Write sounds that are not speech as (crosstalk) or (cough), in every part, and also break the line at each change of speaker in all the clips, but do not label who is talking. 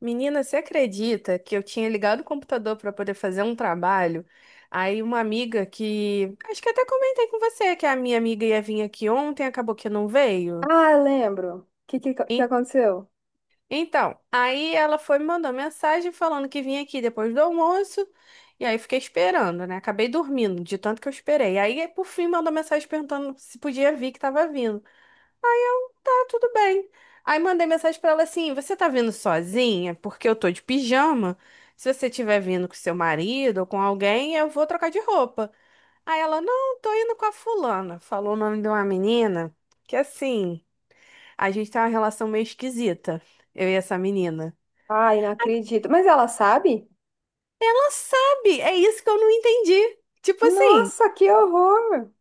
Menina, você acredita que eu tinha ligado o computador para poder fazer um trabalho? Aí uma amiga que, acho que até comentei com você que a minha amiga ia vir aqui ontem, acabou que não veio.
Ah, eu lembro. O que, que
En-
aconteceu?
Então, aí ela foi me mandou mensagem falando que vinha aqui depois do almoço, e aí fiquei esperando, né? Acabei dormindo de tanto que eu esperei. Aí por fim mandou mensagem perguntando se podia vir que tava vindo. Tá tudo bem. Aí mandei mensagem pra ela assim: você tá vindo sozinha? Porque eu tô de pijama. Se você tiver vindo com seu marido ou com alguém, eu vou trocar de roupa. Aí ela: não, tô indo com a fulana. Falou o nome de uma menina que assim, a gente tem uma relação meio esquisita, eu e essa menina.
Ai, não acredito. Mas ela sabe?
Ela sabe, é isso que eu não entendi. Tipo assim,
Nossa, que horror!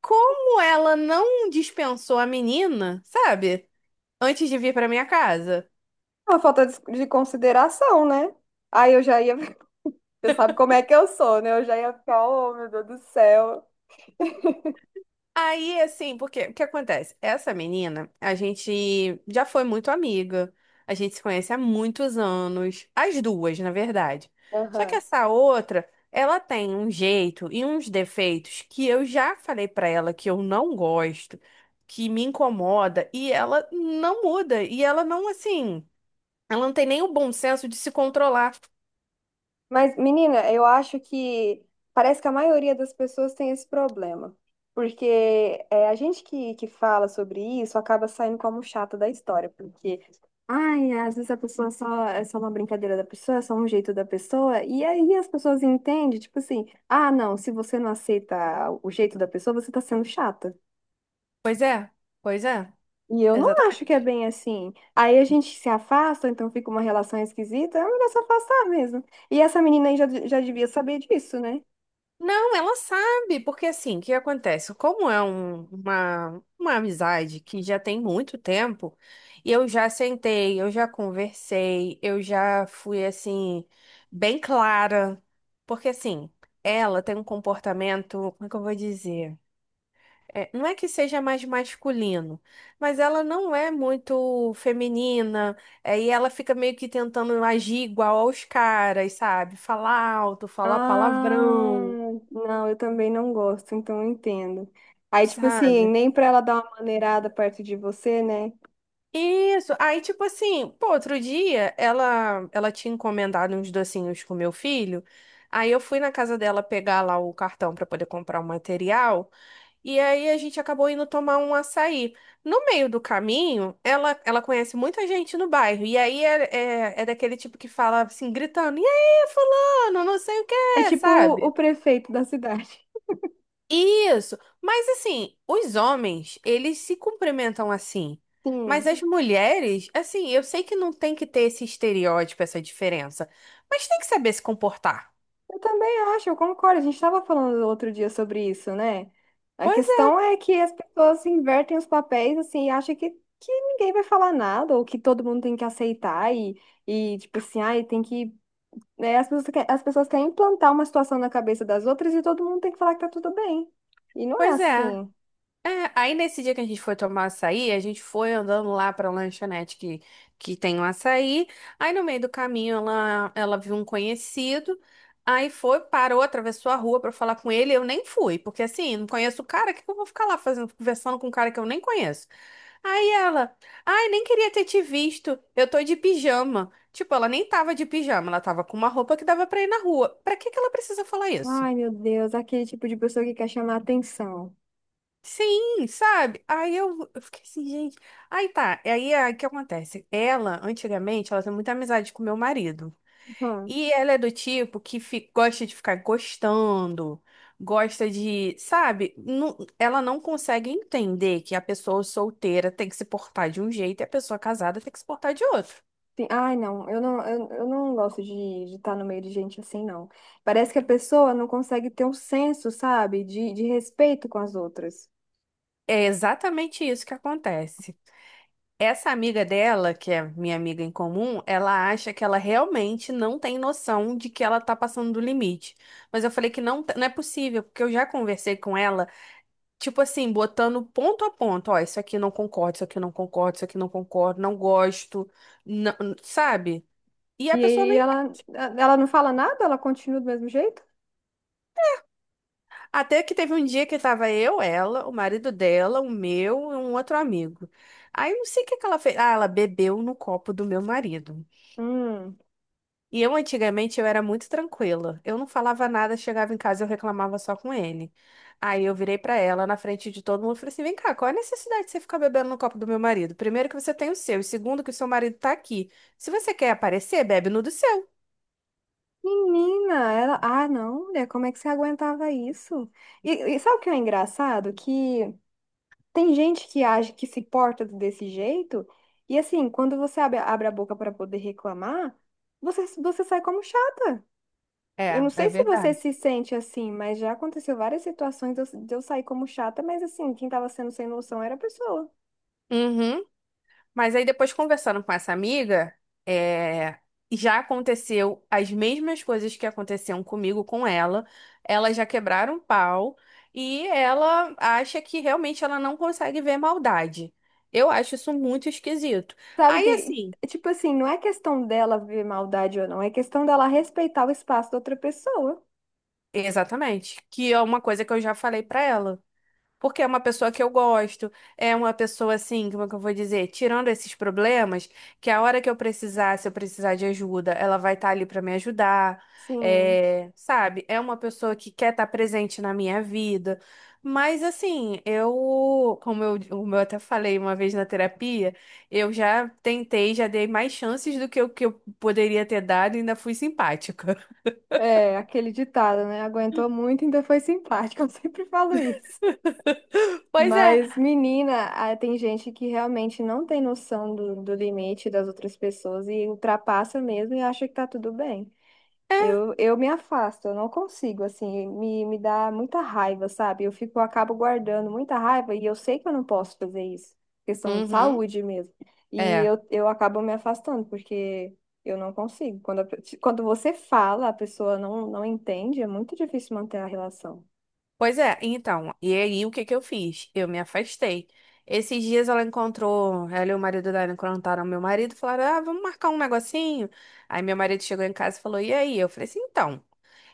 como ela não dispensou a menina, sabe? Antes de vir pra minha casa.
Uma falta de consideração, né? Aí eu já ia. (laughs) Você sabe como é que eu sou, né? Eu já ia ficar, oh, meu Deus do céu.
Aí, assim, porque o que acontece? Essa menina, a gente já foi muito amiga, a gente se conhece há muitos anos, as duas, na verdade. Só que
Aham.
essa outra, ela tem um jeito e uns defeitos que eu já falei pra ela que eu não gosto, que me incomoda, e ela não muda, e ela não, assim, ela não tem nem o bom senso de se controlar.
Mas, menina, eu acho que parece que a maioria das pessoas tem esse problema. Porque é, a gente que fala sobre isso acaba saindo como chata da história. Porque, ai, às vezes a pessoa só é só uma brincadeira da pessoa, é só um jeito da pessoa. E aí as pessoas entendem, tipo assim, ah, não, se você não aceita o jeito da pessoa, você tá sendo chata.
Pois é, pois é,
E eu não acho que
exatamente.
é bem assim. Aí a gente se afasta, então fica uma relação esquisita, é melhor se afastar mesmo. E essa menina aí já, já devia saber disso, né?
Não, ela sabe, porque assim, o que acontece? Como é uma amizade que já tem muito tempo, e eu já sentei, eu já conversei, eu já fui assim, bem clara. Porque assim, ela tem um comportamento, como é que eu vou dizer? É, não é que seja mais masculino, mas ela não é muito feminina, é, e ela fica meio que tentando agir igual aos caras, sabe? Falar alto, falar
Ah,
palavrão.
não, eu também não gosto, então eu entendo. Aí, tipo assim,
Sabe?
nem pra ela dar uma maneirada perto de você, né?
Isso. Aí, tipo assim, pô, outro dia ela tinha encomendado uns docinhos com meu filho. Aí eu fui na casa dela pegar lá o cartão pra poder comprar o material. E aí a gente acabou indo tomar um açaí. No meio do caminho, ela conhece muita gente no bairro. E aí é daquele tipo que fala assim, gritando: e aí, fulano, não sei o
É
quê,
tipo o
sabe?
prefeito da cidade.
Isso. Mas assim, os homens, eles se cumprimentam assim.
(laughs)
Mas
Sim,
as mulheres, assim, eu sei que não tem que ter esse estereótipo, essa diferença, mas tem que saber se comportar.
eu também acho, eu concordo. A gente estava falando outro dia sobre isso, né? A
Pois é,
questão é que as pessoas invertem os papéis, assim, e acham que ninguém vai falar nada, ou que todo mundo tem que aceitar, e tipo assim, ai, tem que. Né, as pessoas, as pessoas querem implantar uma situação na cabeça das outras e todo mundo tem que falar que tá tudo bem. E não é
pois é.
assim.
É, aí nesse dia que a gente foi tomar açaí, a gente foi andando lá pra lanchonete que tem um açaí. Aí no meio do caminho ela viu um conhecido. Aí foi, parou, atravessou a rua pra falar com ele. Eu nem fui, porque assim, não conheço o cara, o que que eu vou ficar lá fazendo, conversando com um cara que eu nem conheço? Aí ela, ai, nem queria ter te visto. Eu tô de pijama. Tipo, ela nem tava de pijama, ela tava com uma roupa que dava pra ir na rua. Pra que que ela precisa falar isso?
Ai, meu Deus, aquele tipo de pessoa que quer chamar atenção.
Sim, sabe? Aí eu fiquei assim, gente. Aí tá, aí o que acontece? Ela, antigamente, ela tem muita amizade com meu marido.
Hum.
E ela é do tipo que gosta de ficar gostando, gosta de, sabe? Ela não consegue entender que a pessoa solteira tem que se portar de um jeito e a pessoa casada tem que se portar de outro.
Ai, não, eu não gosto de estar no meio de gente assim, não. Parece que a pessoa não consegue ter um senso, sabe, de respeito com as outras.
É exatamente isso que acontece. Essa amiga dela, que é minha amiga em comum, ela acha que ela realmente não tem noção de que ela tá passando do limite. Mas eu falei que não, não é possível, porque eu já conversei com ela, tipo assim, botando ponto a ponto, ó, isso aqui eu não concordo, isso aqui eu não concordo, isso aqui eu não concordo, não gosto, não- sabe? E
E
a pessoa não.
aí ela não fala nada, ela continua do mesmo jeito?
Até que teve um dia que tava eu, ela, o marido dela, o meu e um outro amigo. Aí eu não sei o que que ela fez. Ah, ela bebeu no copo do meu marido.
Hum.
E eu, antigamente, eu era muito tranquila. Eu não falava nada, chegava em casa, eu reclamava só com ele. Aí eu virei pra ela na frente de todo mundo e falei assim: vem cá, qual é a necessidade de você ficar bebendo no copo do meu marido? Primeiro, que você tem o seu, e segundo, que o seu marido tá aqui. Se você quer aparecer, bebe no do seu.
Menina, ela. Ah, não, mulher, como é que você aguentava isso? E sabe o que é engraçado? Que tem gente que age, que se porta desse jeito, e assim, quando você abre a boca para poder reclamar, você sai como chata. Eu
É,
não
é
sei se você
verdade.
se sente assim, mas já aconteceu várias situações de eu sair como chata, mas assim, quem tava sendo sem noção era a pessoa.
Uhum. Mas aí depois conversando com essa amiga, é, já aconteceu as mesmas coisas que aconteciam comigo com ela. Elas já quebraram o pau e ela acha que realmente ela não consegue ver maldade. Eu acho isso muito esquisito.
Sabe
Aí assim,
que, tipo assim, não é questão dela ver maldade ou não, é questão dela respeitar o espaço da outra pessoa.
exatamente, que é uma coisa que eu já falei pra ela. Porque é uma pessoa que eu gosto, é uma pessoa assim, como é que eu vou dizer, tirando esses problemas, que a hora que eu precisar, se eu precisar de ajuda, ela vai estar ali para me ajudar,
Sim.
é, sabe? É uma pessoa que quer estar presente na minha vida. Mas assim, eu, como eu até falei uma vez na terapia, eu já tentei, já dei mais chances do que o que eu poderia ter dado e ainda fui simpática.
É, aquele ditado, né? Aguentou muito, ainda foi simpática. (laughs) Eu sempre falo isso.
(laughs) Pois é.
Mas, menina, ah, tem gente que realmente não tem noção do, do limite das outras pessoas e ultrapassa mesmo e acha que tá tudo bem. Eu me afasto, eu não consigo, assim, me dá muita raiva, sabe? Eu fico, eu acabo guardando muita raiva e eu sei que eu não posso fazer isso, questão de
Uhum.
saúde mesmo. E
É.
eu acabo me afastando, porque eu não consigo. Quando, quando você fala, a pessoa não entende, é muito difícil manter a relação.
Pois é, então, e aí o que que eu fiz? Eu me afastei. Esses dias ela encontrou, ela e o marido dela encontraram meu marido, e falaram, ah, vamos marcar um negocinho. Aí meu marido chegou em casa e falou, e aí? Eu falei assim, então,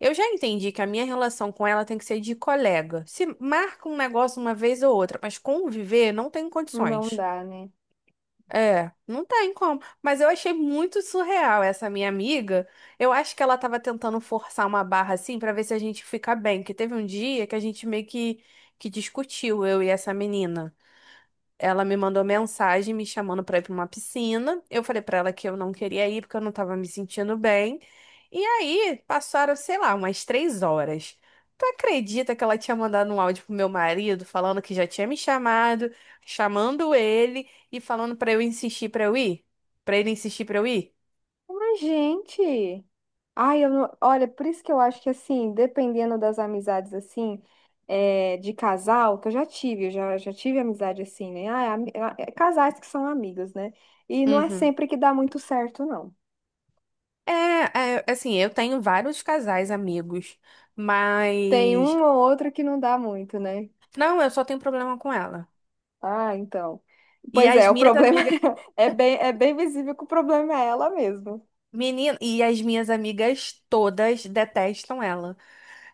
eu já entendi que a minha relação com ela tem que ser de colega. Se marca um negócio uma vez ou outra, mas conviver não tem
Não
condições.
dá, né?
É, não tem como. Mas eu achei muito surreal essa minha amiga. Eu acho que ela tava tentando forçar uma barra assim pra ver se a gente fica bem. Que teve um dia que a gente meio que discutiu, eu e essa menina. Ela me mandou mensagem me chamando pra ir pra uma piscina. Eu falei pra ela que eu não queria ir porque eu não tava me sentindo bem. E aí passaram, sei lá, umas três horas. Tu acredita que ela tinha mandado um áudio pro meu marido falando que já tinha me chamado, chamando ele e falando pra eu insistir pra eu ir? Pra ele insistir pra eu ir?
Mas, gente. Ai, eu não... Olha, por isso que eu acho que, assim, dependendo das amizades, assim, é, de casal, que eu já tive, eu já tive amizade assim, né? Ah, ah, é casais que são amigos, né? E não é
Uhum.
sempre que dá muito certo, não.
É, é, assim, eu tenho vários casais amigos,
Tem
mas
um ou outro que não dá muito, né?
não, eu só tenho problema com ela.
Ah, então.
E
Pois
as
é, o
minhas
problema
amigas...
(laughs) é bem visível que o problema é ela mesmo.
Menina, e as minhas amigas todas detestam ela.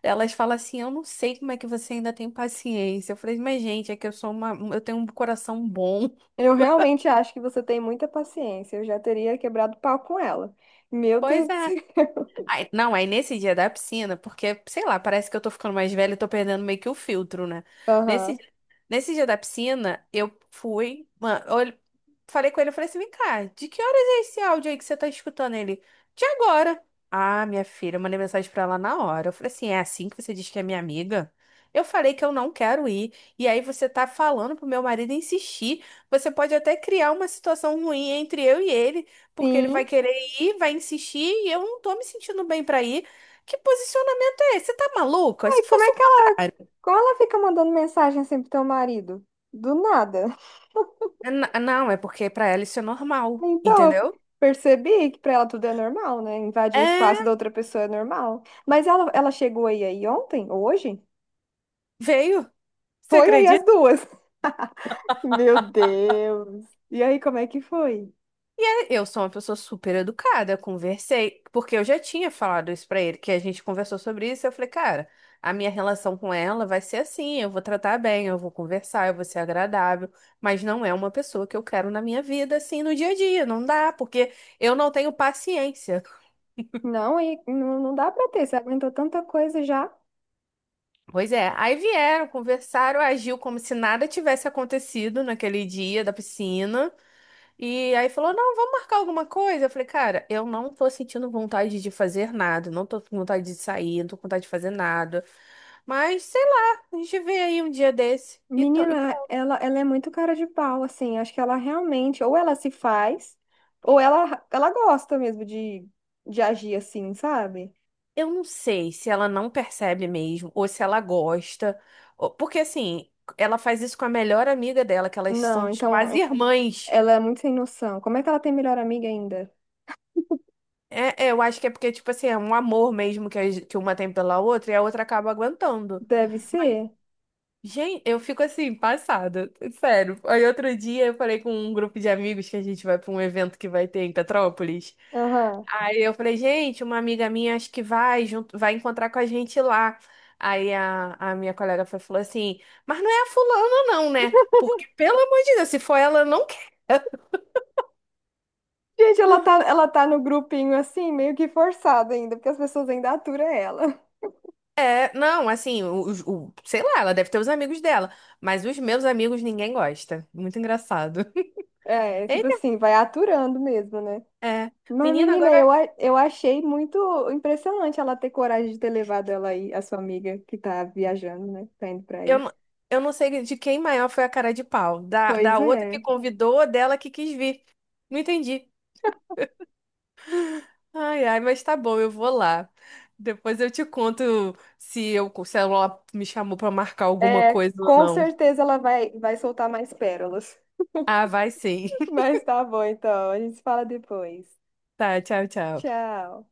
Elas falam assim: "Eu não sei como é que você ainda tem paciência". Eu falei: "Mas gente, é que eu sou uma, eu tenho um coração bom". (laughs)
Eu realmente acho que você tem muita paciência. Eu já teria quebrado pau com ela. Meu
Pois
Deus do
é.
céu. (laughs)
Não, aí nesse dia da piscina, porque, sei lá, parece que eu tô ficando mais velha e tô perdendo meio que o filtro, né? Nesse,
Aham.
nesse dia da piscina, eu fui, mano, eu falei com ele, eu falei assim, vem cá, de que horas é esse áudio aí que você tá escutando ele? De agora. Ah, minha filha, eu mandei mensagem pra ela na hora. Eu falei assim, é assim que você diz que é minha amiga? Eu falei que eu não quero ir. E aí você tá falando pro meu marido insistir. Você pode até criar uma situação ruim entre eu e ele, porque ele
Sim.
vai querer ir, vai insistir e eu não tô me sentindo bem pra ir. Que posicionamento é esse? Você tá maluca? Se
Ai, como
fosse
é.
o contrário.
Como ela fica mandando mensagem sempre pro teu marido? Do nada. (laughs)
É, não, é porque pra ela isso é normal,
Então, eu
entendeu?
percebi que pra ela tudo é normal, né? Invadir o espaço da
É,
outra pessoa é normal. Mas ela chegou aí, aí ontem, ou hoje?
veio. Você
Foi aí as
acredita?
duas. (laughs) Meu Deus. E aí, como é que foi?
Eu sou uma pessoa super educada, eu conversei, porque eu já tinha falado isso pra ele, que a gente conversou sobre isso, eu falei, cara, a minha relação com ela vai ser assim, eu vou tratar bem, eu vou conversar, eu vou ser agradável, mas não é uma pessoa que eu quero na minha vida, assim, no dia a dia, não dá, porque eu não tenho paciência.
Não, e não, não dá pra ter. Você aguentou tanta coisa já.
Pois é, aí vieram, conversaram, agiu como se nada tivesse acontecido naquele dia da piscina. E aí falou: não, vamos marcar alguma coisa. Eu falei: cara, eu não tô sentindo vontade de fazer nada, não tô com vontade de sair, não tô com vontade de fazer nada. Mas sei lá, a gente vê aí um dia desse. E e
Menina,
pronto.
ela é muito cara de pau, assim. Acho que ela realmente, ou ela se faz, ou ela gosta mesmo de agir assim, sabe?
Eu não sei se ela não percebe mesmo, ou se ela gosta, ou- porque assim, ela faz isso com a melhor amiga dela, que elas são
Não, então.
quase irmãs.
Ela é muito sem noção. Como é que ela tem melhor amiga ainda?
É, é, eu acho que é porque, tipo assim, é um amor mesmo que, que uma tem pela outra e a outra acaba aguentando.
Deve
Mas,
ser.
gente, eu fico assim, passada. Sério. Aí outro dia eu falei com um grupo de amigos que a gente vai pra um evento que vai ter em Petrópolis.
Aham.
Aí eu falei, gente, uma amiga minha acho que vai junto, vai encontrar com a gente lá. Aí a minha colega falou assim, mas não é a fulana não, né? Porque, pelo amor de Deus, se for ela, eu não quero.
Gente, ela tá no grupinho assim, meio que forçada ainda, porque as pessoas ainda aturam ela. (laughs)
É, não, assim, sei lá, ela deve ter os amigos dela, mas os meus amigos ninguém gosta. Muito engraçado. (laughs)
É, tipo
Eita,
assim, vai aturando mesmo, né?
é.
Mas,
Menina,
menina, eu,
agora
eu achei muito impressionante ela ter coragem de ter levado ela aí, a sua amiga que tá viajando, né? Tá indo pra
eu,
aí.
n- eu não sei de quem maior foi a cara de pau.
Pois
Da outra que
é.
convidou, ou dela que quis vir. Não entendi. Ai, ai, mas tá bom, eu vou lá. Depois eu te conto se eu, se ela me chamou pra marcar alguma
É,
coisa ou
com
não.
certeza ela vai, vai soltar mais pérolas.
Ah, vai sim.
(laughs)
(laughs)
Mas tá bom, então. A gente se fala depois.
Tá, tchau, tchau.
Tchau.